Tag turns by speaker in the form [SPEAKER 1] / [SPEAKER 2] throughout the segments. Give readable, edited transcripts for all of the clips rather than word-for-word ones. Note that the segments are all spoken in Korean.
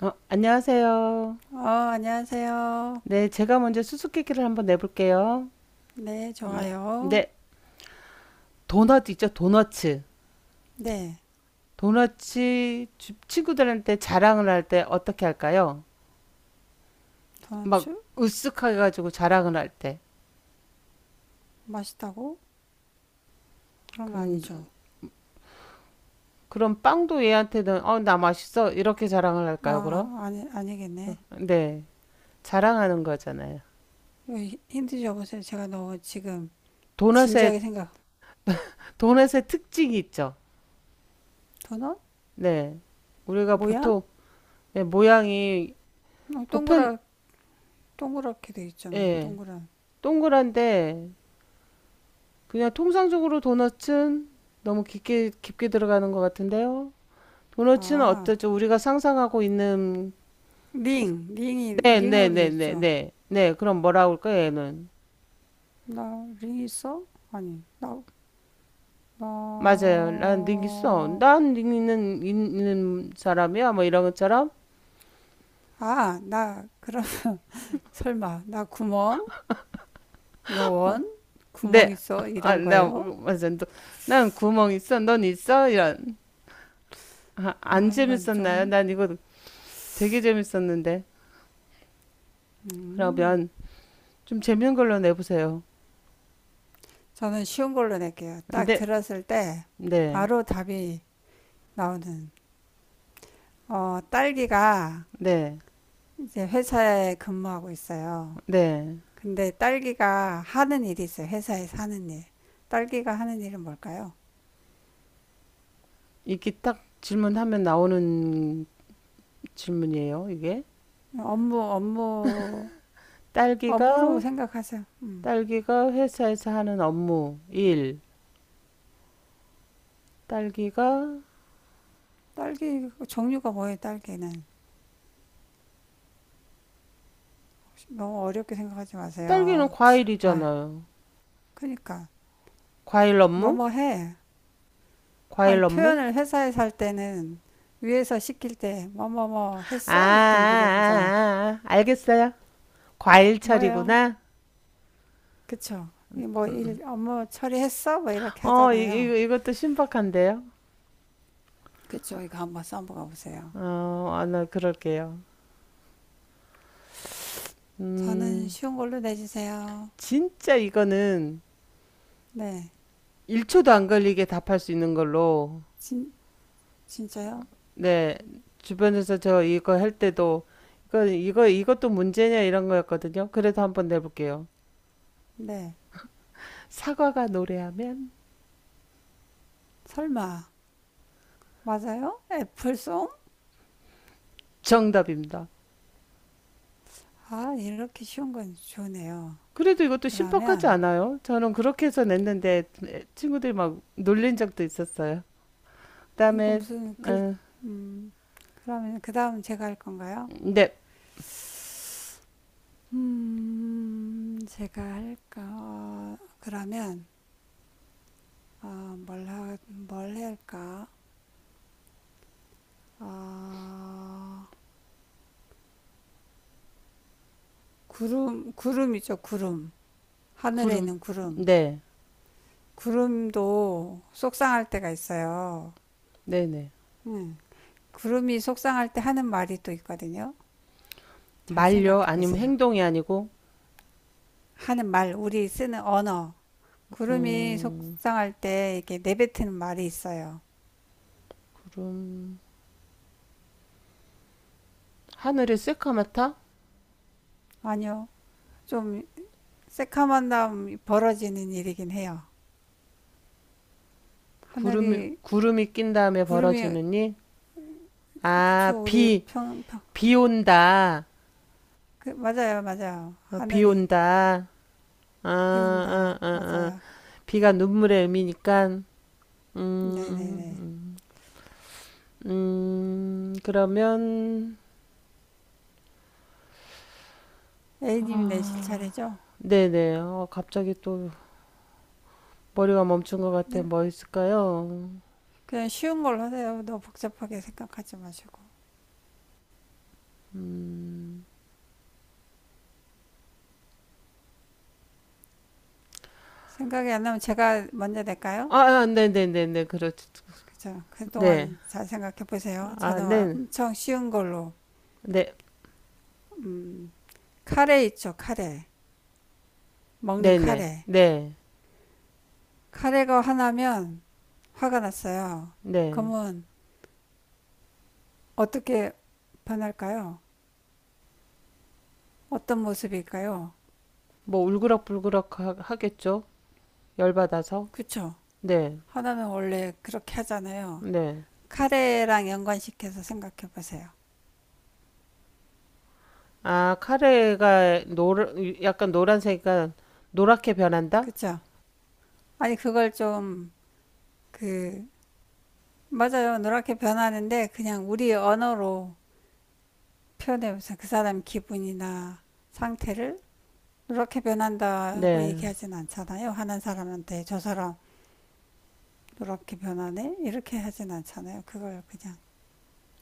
[SPEAKER 1] 어, 안녕하세요.
[SPEAKER 2] 안녕하세요.
[SPEAKER 1] 네, 제가 먼저 수수께끼를 한번 내볼게요.
[SPEAKER 2] 네,
[SPEAKER 1] 네.
[SPEAKER 2] 좋아요.
[SPEAKER 1] 네, 도넛 있죠? 도너츠.
[SPEAKER 2] 네,
[SPEAKER 1] 친구들한테 자랑을 할 때 어떻게 할까요? 막
[SPEAKER 2] 도너츠?
[SPEAKER 1] 으쓱하게 가지고 자랑을 할 때.
[SPEAKER 2] 맛있다고? 그런 거
[SPEAKER 1] 그,
[SPEAKER 2] 아니죠?
[SPEAKER 1] 그럼 빵도 얘한테는 어, 나 맛있어. 이렇게 자랑을 할까요, 그럼?
[SPEAKER 2] 아니,
[SPEAKER 1] 어,
[SPEAKER 2] 아니겠네.
[SPEAKER 1] 네. 자랑하는 거잖아요.
[SPEAKER 2] 이거 힌트 줘보세요. 제가 너무 지금
[SPEAKER 1] 도넛의
[SPEAKER 2] 진지하게 생각.
[SPEAKER 1] 도넛의 특징이 있죠.
[SPEAKER 2] 도넛?
[SPEAKER 1] 네. 우리가
[SPEAKER 2] 모양?
[SPEAKER 1] 보통 네, 모양이
[SPEAKER 2] 어,
[SPEAKER 1] 보편
[SPEAKER 2] 동그라, 동그랗게 돼 있잖아요.
[SPEAKER 1] 예.
[SPEAKER 2] 동그란.
[SPEAKER 1] 동그란데 그냥 통상적으로 도넛은 너무 깊게 들어가는 것 같은데요. 도넛은
[SPEAKER 2] 아,
[SPEAKER 1] 어떠죠? 우리가 상상하고 있는
[SPEAKER 2] 링.
[SPEAKER 1] 네, 네,
[SPEAKER 2] 링으로 돼
[SPEAKER 1] 네, 네,
[SPEAKER 2] 있죠.
[SPEAKER 1] 네, 네. 그럼 뭐라고 할까 얘는?
[SPEAKER 2] 나, 링 있어? 아니, 나,
[SPEAKER 1] 맞아요. 난 능 있어. 난 닉 있는 사람이야. 뭐 이런 것처럼.
[SPEAKER 2] 아, 나, 그럼, 설마, 나 구멍?
[SPEAKER 1] 뭐,
[SPEAKER 2] 노원, 구멍
[SPEAKER 1] 네.
[SPEAKER 2] 있어
[SPEAKER 1] 아,
[SPEAKER 2] 이런
[SPEAKER 1] 나
[SPEAKER 2] 거예요.
[SPEAKER 1] 맞아. 난 구멍 있어. 넌 있어. 이런. 아, 안
[SPEAKER 2] 아 이건
[SPEAKER 1] 재밌었나요?
[SPEAKER 2] 좀
[SPEAKER 1] 난 이거 되게 재밌었는데.
[SPEAKER 2] 음,
[SPEAKER 1] 그러면 좀 재밌는 걸로 내보세요.
[SPEAKER 2] 저는 쉬운 걸로 낼게요. 딱
[SPEAKER 1] 네,
[SPEAKER 2] 들었을 때
[SPEAKER 1] 네,
[SPEAKER 2] 바로 답이 나오는 딸기가
[SPEAKER 1] 네.
[SPEAKER 2] 이제 회사에 근무하고 있어요.
[SPEAKER 1] 네.
[SPEAKER 2] 근데 딸기가 하는 일이 있어요. 회사에서 하는 일. 딸기가 하는 일은 뭘까요?
[SPEAKER 1] 이게 딱 질문하면 나오는 질문이에요, 이게.
[SPEAKER 2] 업무, 업무, 업무로
[SPEAKER 1] 딸기가,
[SPEAKER 2] 생각하세요.
[SPEAKER 1] 딸기가 회사에서 하는 업무, 일. 딸기가,
[SPEAKER 2] 딸기 종류가 뭐예요? 딸기는 너무 어렵게 생각하지
[SPEAKER 1] 딸기는
[SPEAKER 2] 마세요. 아,
[SPEAKER 1] 과일이잖아요.
[SPEAKER 2] 그러니까
[SPEAKER 1] 과일 업무?
[SPEAKER 2] 뭐뭐 해. 아니,
[SPEAKER 1] 과일 업무?
[SPEAKER 2] 표현을 회사에 살 때는 위에서 시킬 때, 뭐
[SPEAKER 1] 아, 아,
[SPEAKER 2] 했어? 이렇게 물어보자.
[SPEAKER 1] 아, 아, 알겠어요. 과일
[SPEAKER 2] 뭐예요?
[SPEAKER 1] 처리구나.
[SPEAKER 2] 그쵸? 이 뭐, 일, 업무 처리했어? 뭐, 이렇게
[SPEAKER 1] 어,
[SPEAKER 2] 하잖아요.
[SPEAKER 1] 이것도 신박한데요.
[SPEAKER 2] 그쵸? 이거 한번 써보가 보세요.
[SPEAKER 1] 어, 아, 나 그럴게요.
[SPEAKER 2] 저는
[SPEAKER 1] 음,
[SPEAKER 2] 쉬운 걸로 내주세요.
[SPEAKER 1] 진짜 이거는
[SPEAKER 2] 네.
[SPEAKER 1] 1초도 안 걸리게 답할 수 있는 걸로.
[SPEAKER 2] 진, 진짜요?
[SPEAKER 1] 네, 주변에서 저 이거 할 때도 이거 이것도 문제냐 이런 거였거든요. 그래도 한번 내볼게요.
[SPEAKER 2] 네.
[SPEAKER 1] 사과가 노래하면
[SPEAKER 2] 설마. 맞아요? 애플송?
[SPEAKER 1] 정답입니다.
[SPEAKER 2] 아, 이렇게 쉬운 건 좋네요.
[SPEAKER 1] 그래도 이것도 심박하지
[SPEAKER 2] 그러면,
[SPEAKER 1] 않아요. 저는 그렇게 해서 냈는데 친구들이 막 놀린 적도 있었어요.
[SPEAKER 2] 이거
[SPEAKER 1] 그다음에
[SPEAKER 2] 무슨 글,
[SPEAKER 1] 어,
[SPEAKER 2] 음, 그러면 그 다음 제가 할 건가요?
[SPEAKER 1] 네,
[SPEAKER 2] 제가 할까? 그러면, 어, 뭘 할까? 어, 구름이죠, 구름. 하늘에
[SPEAKER 1] 구름.
[SPEAKER 2] 있는 구름.
[SPEAKER 1] 네,
[SPEAKER 2] 구름도 속상할 때가 있어요.
[SPEAKER 1] 네, 네.
[SPEAKER 2] 음, 구름이 속상할 때 하는 말이 또 있거든요. 잘
[SPEAKER 1] 말려
[SPEAKER 2] 생각해
[SPEAKER 1] 아니면
[SPEAKER 2] 보세요.
[SPEAKER 1] 행동이 아니고
[SPEAKER 2] 하는 말, 우리 쓰는 언어. 구름이
[SPEAKER 1] 음,
[SPEAKER 2] 속상할 때 이렇게 내뱉는 말이 있어요.
[SPEAKER 1] 구름 하늘이 새카맣다?
[SPEAKER 2] 아니요, 좀 새카만담 벌어지는 일이긴 해요.
[SPEAKER 1] 구름이
[SPEAKER 2] 하늘이
[SPEAKER 1] 구름이 낀 다음에
[SPEAKER 2] 구름이
[SPEAKER 1] 벌어지느니 아,
[SPEAKER 2] 그쵸 우리
[SPEAKER 1] 비.
[SPEAKER 2] 평
[SPEAKER 1] 비 온다.
[SPEAKER 2] 맞아요 맞아요
[SPEAKER 1] 어, 비
[SPEAKER 2] 하늘이
[SPEAKER 1] 온다.
[SPEAKER 2] 비운다
[SPEAKER 1] 아.
[SPEAKER 2] 맞아요
[SPEAKER 1] 비가 눈물의 의미니까, 음,
[SPEAKER 2] 네네네
[SPEAKER 1] 음. 그러면,
[SPEAKER 2] A님이 내실
[SPEAKER 1] 아,
[SPEAKER 2] 차례죠
[SPEAKER 1] 네네. 어, 갑자기 또 머리가 멈춘 것 같아.
[SPEAKER 2] 그냥
[SPEAKER 1] 뭐 있을까요?
[SPEAKER 2] 그냥 쉬운 걸로 하세요 너무 복잡하게 생각하지 마시고
[SPEAKER 1] 음,
[SPEAKER 2] 생각이 안 나면 제가 먼저 낼까요?
[SPEAKER 1] 아, 네네네네. 그렇죠.
[SPEAKER 2] 그죠
[SPEAKER 1] 네.
[SPEAKER 2] 그동안 잘 생각해 보세요
[SPEAKER 1] 아,
[SPEAKER 2] 저는
[SPEAKER 1] 네.
[SPEAKER 2] 엄청 쉬운 걸로
[SPEAKER 1] 네.
[SPEAKER 2] 음 카레 있죠 카레 먹는
[SPEAKER 1] 네네.
[SPEAKER 2] 카레
[SPEAKER 1] 네.
[SPEAKER 2] 카레가 하나면 화가 났어요.
[SPEAKER 1] 네.
[SPEAKER 2] 그러면 어떻게 변할까요? 어떤 모습일까요?
[SPEAKER 1] 뭐 울그락불그락 하겠죠? 열받아서.
[SPEAKER 2] 그쵸?
[SPEAKER 1] 네.
[SPEAKER 2] 하나는 원래 그렇게 하잖아요.
[SPEAKER 1] 네.
[SPEAKER 2] 카레랑 연관시켜서 생각해 보세요.
[SPEAKER 1] 아, 약간 노란색이니까 노랗게 변한다?
[SPEAKER 2] 그쵸? 아니, 그걸 좀, 그, 맞아요. 노랗게 변하는데 그냥 우리 언어로 표현해 보세요. 그 사람 기분이나 상태를 노랗게 변한다고
[SPEAKER 1] 네.
[SPEAKER 2] 얘기하진 않잖아요. 하는 사람한테 저 사람 노랗게 변하네? 이렇게 하진 않잖아요. 그걸 그냥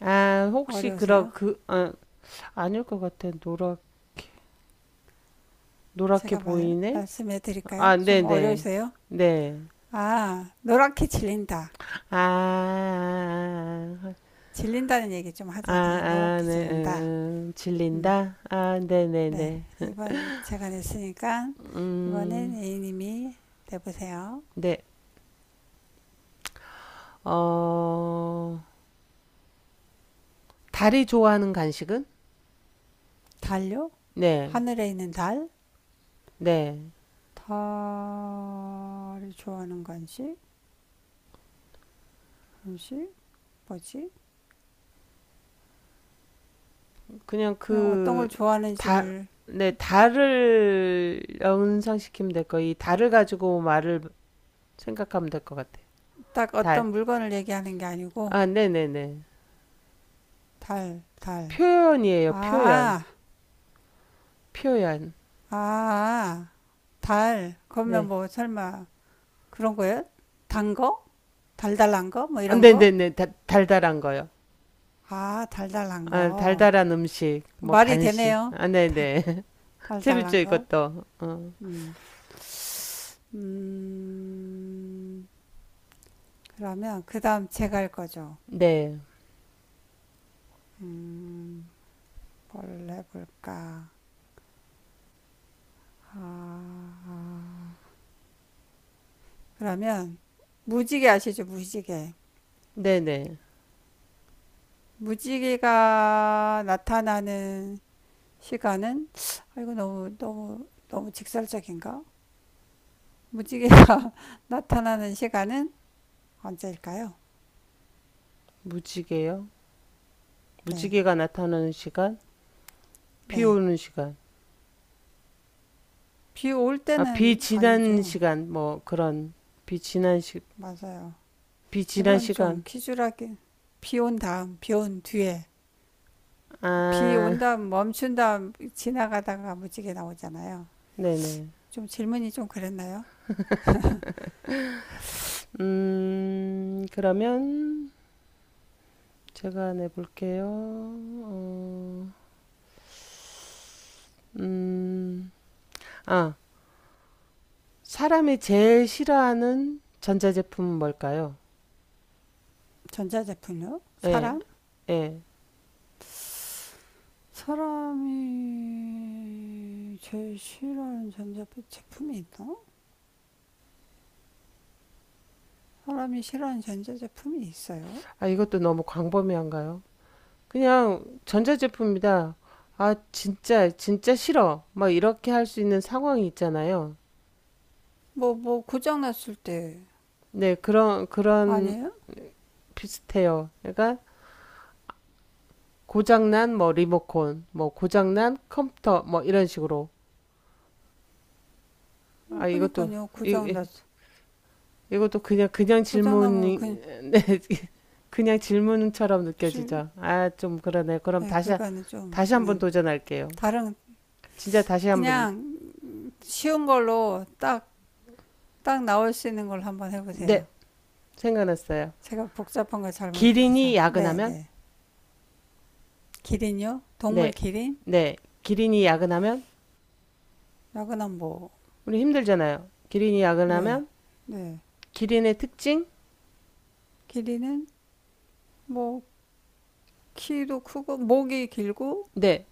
[SPEAKER 1] 아, 혹시 그런
[SPEAKER 2] 어려우세요?
[SPEAKER 1] 그 아, 아닐 것 같아. 노랗게
[SPEAKER 2] 제가
[SPEAKER 1] 보이네?
[SPEAKER 2] 말씀해 드릴까요?
[SPEAKER 1] 아,
[SPEAKER 2] 좀
[SPEAKER 1] 네네. 네.
[SPEAKER 2] 어려우세요?
[SPEAKER 1] 네.
[SPEAKER 2] 아, 노랗게 질린다.
[SPEAKER 1] 아, 아,
[SPEAKER 2] 질린다는 얘기 좀
[SPEAKER 1] 아,
[SPEAKER 2] 하잖아요.
[SPEAKER 1] 아, 아,
[SPEAKER 2] 노랗게
[SPEAKER 1] 네,
[SPEAKER 2] 질린다. 음,
[SPEAKER 1] 질린다? 아,
[SPEAKER 2] 네.
[SPEAKER 1] 네네네.
[SPEAKER 2] 이번 제가 냈으니까, 이번엔
[SPEAKER 1] 음,
[SPEAKER 2] A님이 내보세요.
[SPEAKER 1] 네. 어, 달이 좋아하는 간식은?
[SPEAKER 2] 달요?
[SPEAKER 1] 네,
[SPEAKER 2] 하늘에 있는 달?
[SPEAKER 1] 네.
[SPEAKER 2] 달을 좋아하는 건지? 건지? 뭐지?
[SPEAKER 1] 그냥
[SPEAKER 2] 그냥 어떤
[SPEAKER 1] 그
[SPEAKER 2] 걸
[SPEAKER 1] 다,
[SPEAKER 2] 좋아하는지를,
[SPEAKER 1] 네, 달을 연상시키면 될 거. 이 달을 가지고 말을 생각하면 될 것 같아요.
[SPEAKER 2] 딱
[SPEAKER 1] 달.
[SPEAKER 2] 어떤 물건을 얘기하는 게 아니고,
[SPEAKER 1] 아, 네네네.
[SPEAKER 2] 달, 달.
[SPEAKER 1] 표현이에요. 표현.
[SPEAKER 2] 아,
[SPEAKER 1] 표현.
[SPEAKER 2] 아, 달. 그러면
[SPEAKER 1] 네.
[SPEAKER 2] 뭐 설마 그런 거예요? 단 거? 달달한 거? 뭐
[SPEAKER 1] 아,
[SPEAKER 2] 이런 거?
[SPEAKER 1] 네네네. 달달한 거요.
[SPEAKER 2] 아, 달달한
[SPEAKER 1] 아,
[SPEAKER 2] 거.
[SPEAKER 1] 달달한 음식, 뭐
[SPEAKER 2] 말이
[SPEAKER 1] 간식.
[SPEAKER 2] 되네요.
[SPEAKER 1] 아,
[SPEAKER 2] 달,
[SPEAKER 1] 네네. 재밌죠,
[SPEAKER 2] 달달한 거.
[SPEAKER 1] 이것도. 어.
[SPEAKER 2] 음. 음. 그러면 그다음 제가 할 거죠.
[SPEAKER 1] 네.
[SPEAKER 2] 음. 뭘 해볼까? 아. 아. 그러면 무지개 아시죠? 무지개.
[SPEAKER 1] 네네.
[SPEAKER 2] 무지개가 나타나는 시간은 아, 이거 너무 너무 너무 직설적인가? 무지개가 나타나는 시간은 언제일까요?
[SPEAKER 1] 무지개요?
[SPEAKER 2] 네,
[SPEAKER 1] 무지개가 나타나는 시간? 비
[SPEAKER 2] 네.
[SPEAKER 1] 오는 시간.
[SPEAKER 2] 비 올
[SPEAKER 1] 아,
[SPEAKER 2] 때는
[SPEAKER 1] 비지난
[SPEAKER 2] 아니죠.
[SPEAKER 1] 시간, 뭐, 그런, 비지난 시,
[SPEAKER 2] 맞아요.
[SPEAKER 1] 비지난
[SPEAKER 2] 이건 좀
[SPEAKER 1] 시간.
[SPEAKER 2] 키주하게 비 온 뒤에, 비
[SPEAKER 1] 아,
[SPEAKER 2] 온 다음 멈춘 다음 지나가다가 무지개 나오잖아요.
[SPEAKER 1] 네네.
[SPEAKER 2] 좀 질문이 좀 그랬나요?
[SPEAKER 1] 그러면 제가 내볼게요. 어, 음, 아, 사람이 제일 싫어하는 전자제품은 뭘까요?
[SPEAKER 2] 전자제품요?
[SPEAKER 1] 예,
[SPEAKER 2] 사람?
[SPEAKER 1] 예.
[SPEAKER 2] 사람이 제일 싫어하는 전자제품이 있나? 사람이 싫어하는 전자제품이 있어요?
[SPEAKER 1] 아, 이것도 너무 광범위한가요? 그냥 전자제품이다. 아, 진짜 싫어. 막 이렇게 할 수 있는 상황이 있잖아요.
[SPEAKER 2] 고장났을 때,
[SPEAKER 1] 네, 그런
[SPEAKER 2] 아니에요?
[SPEAKER 1] 비슷해요. 그러니까 고장난 뭐 리모컨, 뭐 고장난 컴퓨터, 뭐 이런 식으로. 아,
[SPEAKER 2] 그니까요,
[SPEAKER 1] 이,
[SPEAKER 2] 고장났,
[SPEAKER 1] 이- 그냥
[SPEAKER 2] 고장나면
[SPEAKER 1] 질문이,
[SPEAKER 2] 그냥,
[SPEAKER 1] 네, 그냥 질문처럼
[SPEAKER 2] 좀,
[SPEAKER 1] 느껴지죠. 아, 좀 그러네.
[SPEAKER 2] 네, 그거는 좀,
[SPEAKER 1] 다시 한번
[SPEAKER 2] 네.
[SPEAKER 1] 도전할게요.
[SPEAKER 2] 다른,
[SPEAKER 1] 진짜 다시 한번,
[SPEAKER 2] 그냥 쉬운 걸로 딱 나올 수 있는 걸 한번 해보세요.
[SPEAKER 1] 네, 생각났어요.
[SPEAKER 2] 제가 복잡한 거
[SPEAKER 1] 기린이
[SPEAKER 2] 잘못해서. 네,
[SPEAKER 1] 야근하면?
[SPEAKER 2] 네. 기린요? 동물
[SPEAKER 1] 네,
[SPEAKER 2] 기린?
[SPEAKER 1] 네. 기린이 야근하면?
[SPEAKER 2] 야근한 뭐,
[SPEAKER 1] 우리 힘들잖아요. 기린이
[SPEAKER 2] 네,
[SPEAKER 1] 야근하면?
[SPEAKER 2] 네.
[SPEAKER 1] 기린의 특징?
[SPEAKER 2] 기린은 뭐, 키도 크고, 목이 길고,
[SPEAKER 1] 네.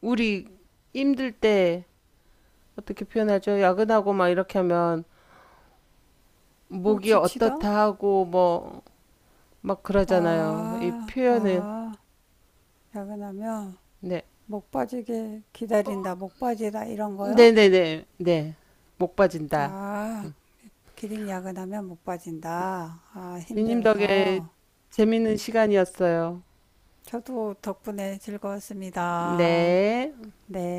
[SPEAKER 1] 우리 힘들 때 어떻게 표현하죠? 야근하고 막 이렇게 하면
[SPEAKER 2] 뭐,
[SPEAKER 1] 목이
[SPEAKER 2] 지치다?
[SPEAKER 1] 어떻다 하고 뭐 막 그러잖아요. 이
[SPEAKER 2] 아,
[SPEAKER 1] 표현을
[SPEAKER 2] 아. 야근하면
[SPEAKER 1] 네.
[SPEAKER 2] 목 빠지게
[SPEAKER 1] 어,
[SPEAKER 2] 기다린다, 목 빠지다 이런 거요?
[SPEAKER 1] 네네네. 네. 목 빠진다.
[SPEAKER 2] 아,
[SPEAKER 1] 음.
[SPEAKER 2] 기린 야근하면 목 빠진다. 아,
[SPEAKER 1] 비님 덕에
[SPEAKER 2] 힘들어서.
[SPEAKER 1] 재밌는 시간이었어요.
[SPEAKER 2] 저도 덕분에 즐거웠습니다.
[SPEAKER 1] 네.
[SPEAKER 2] 네.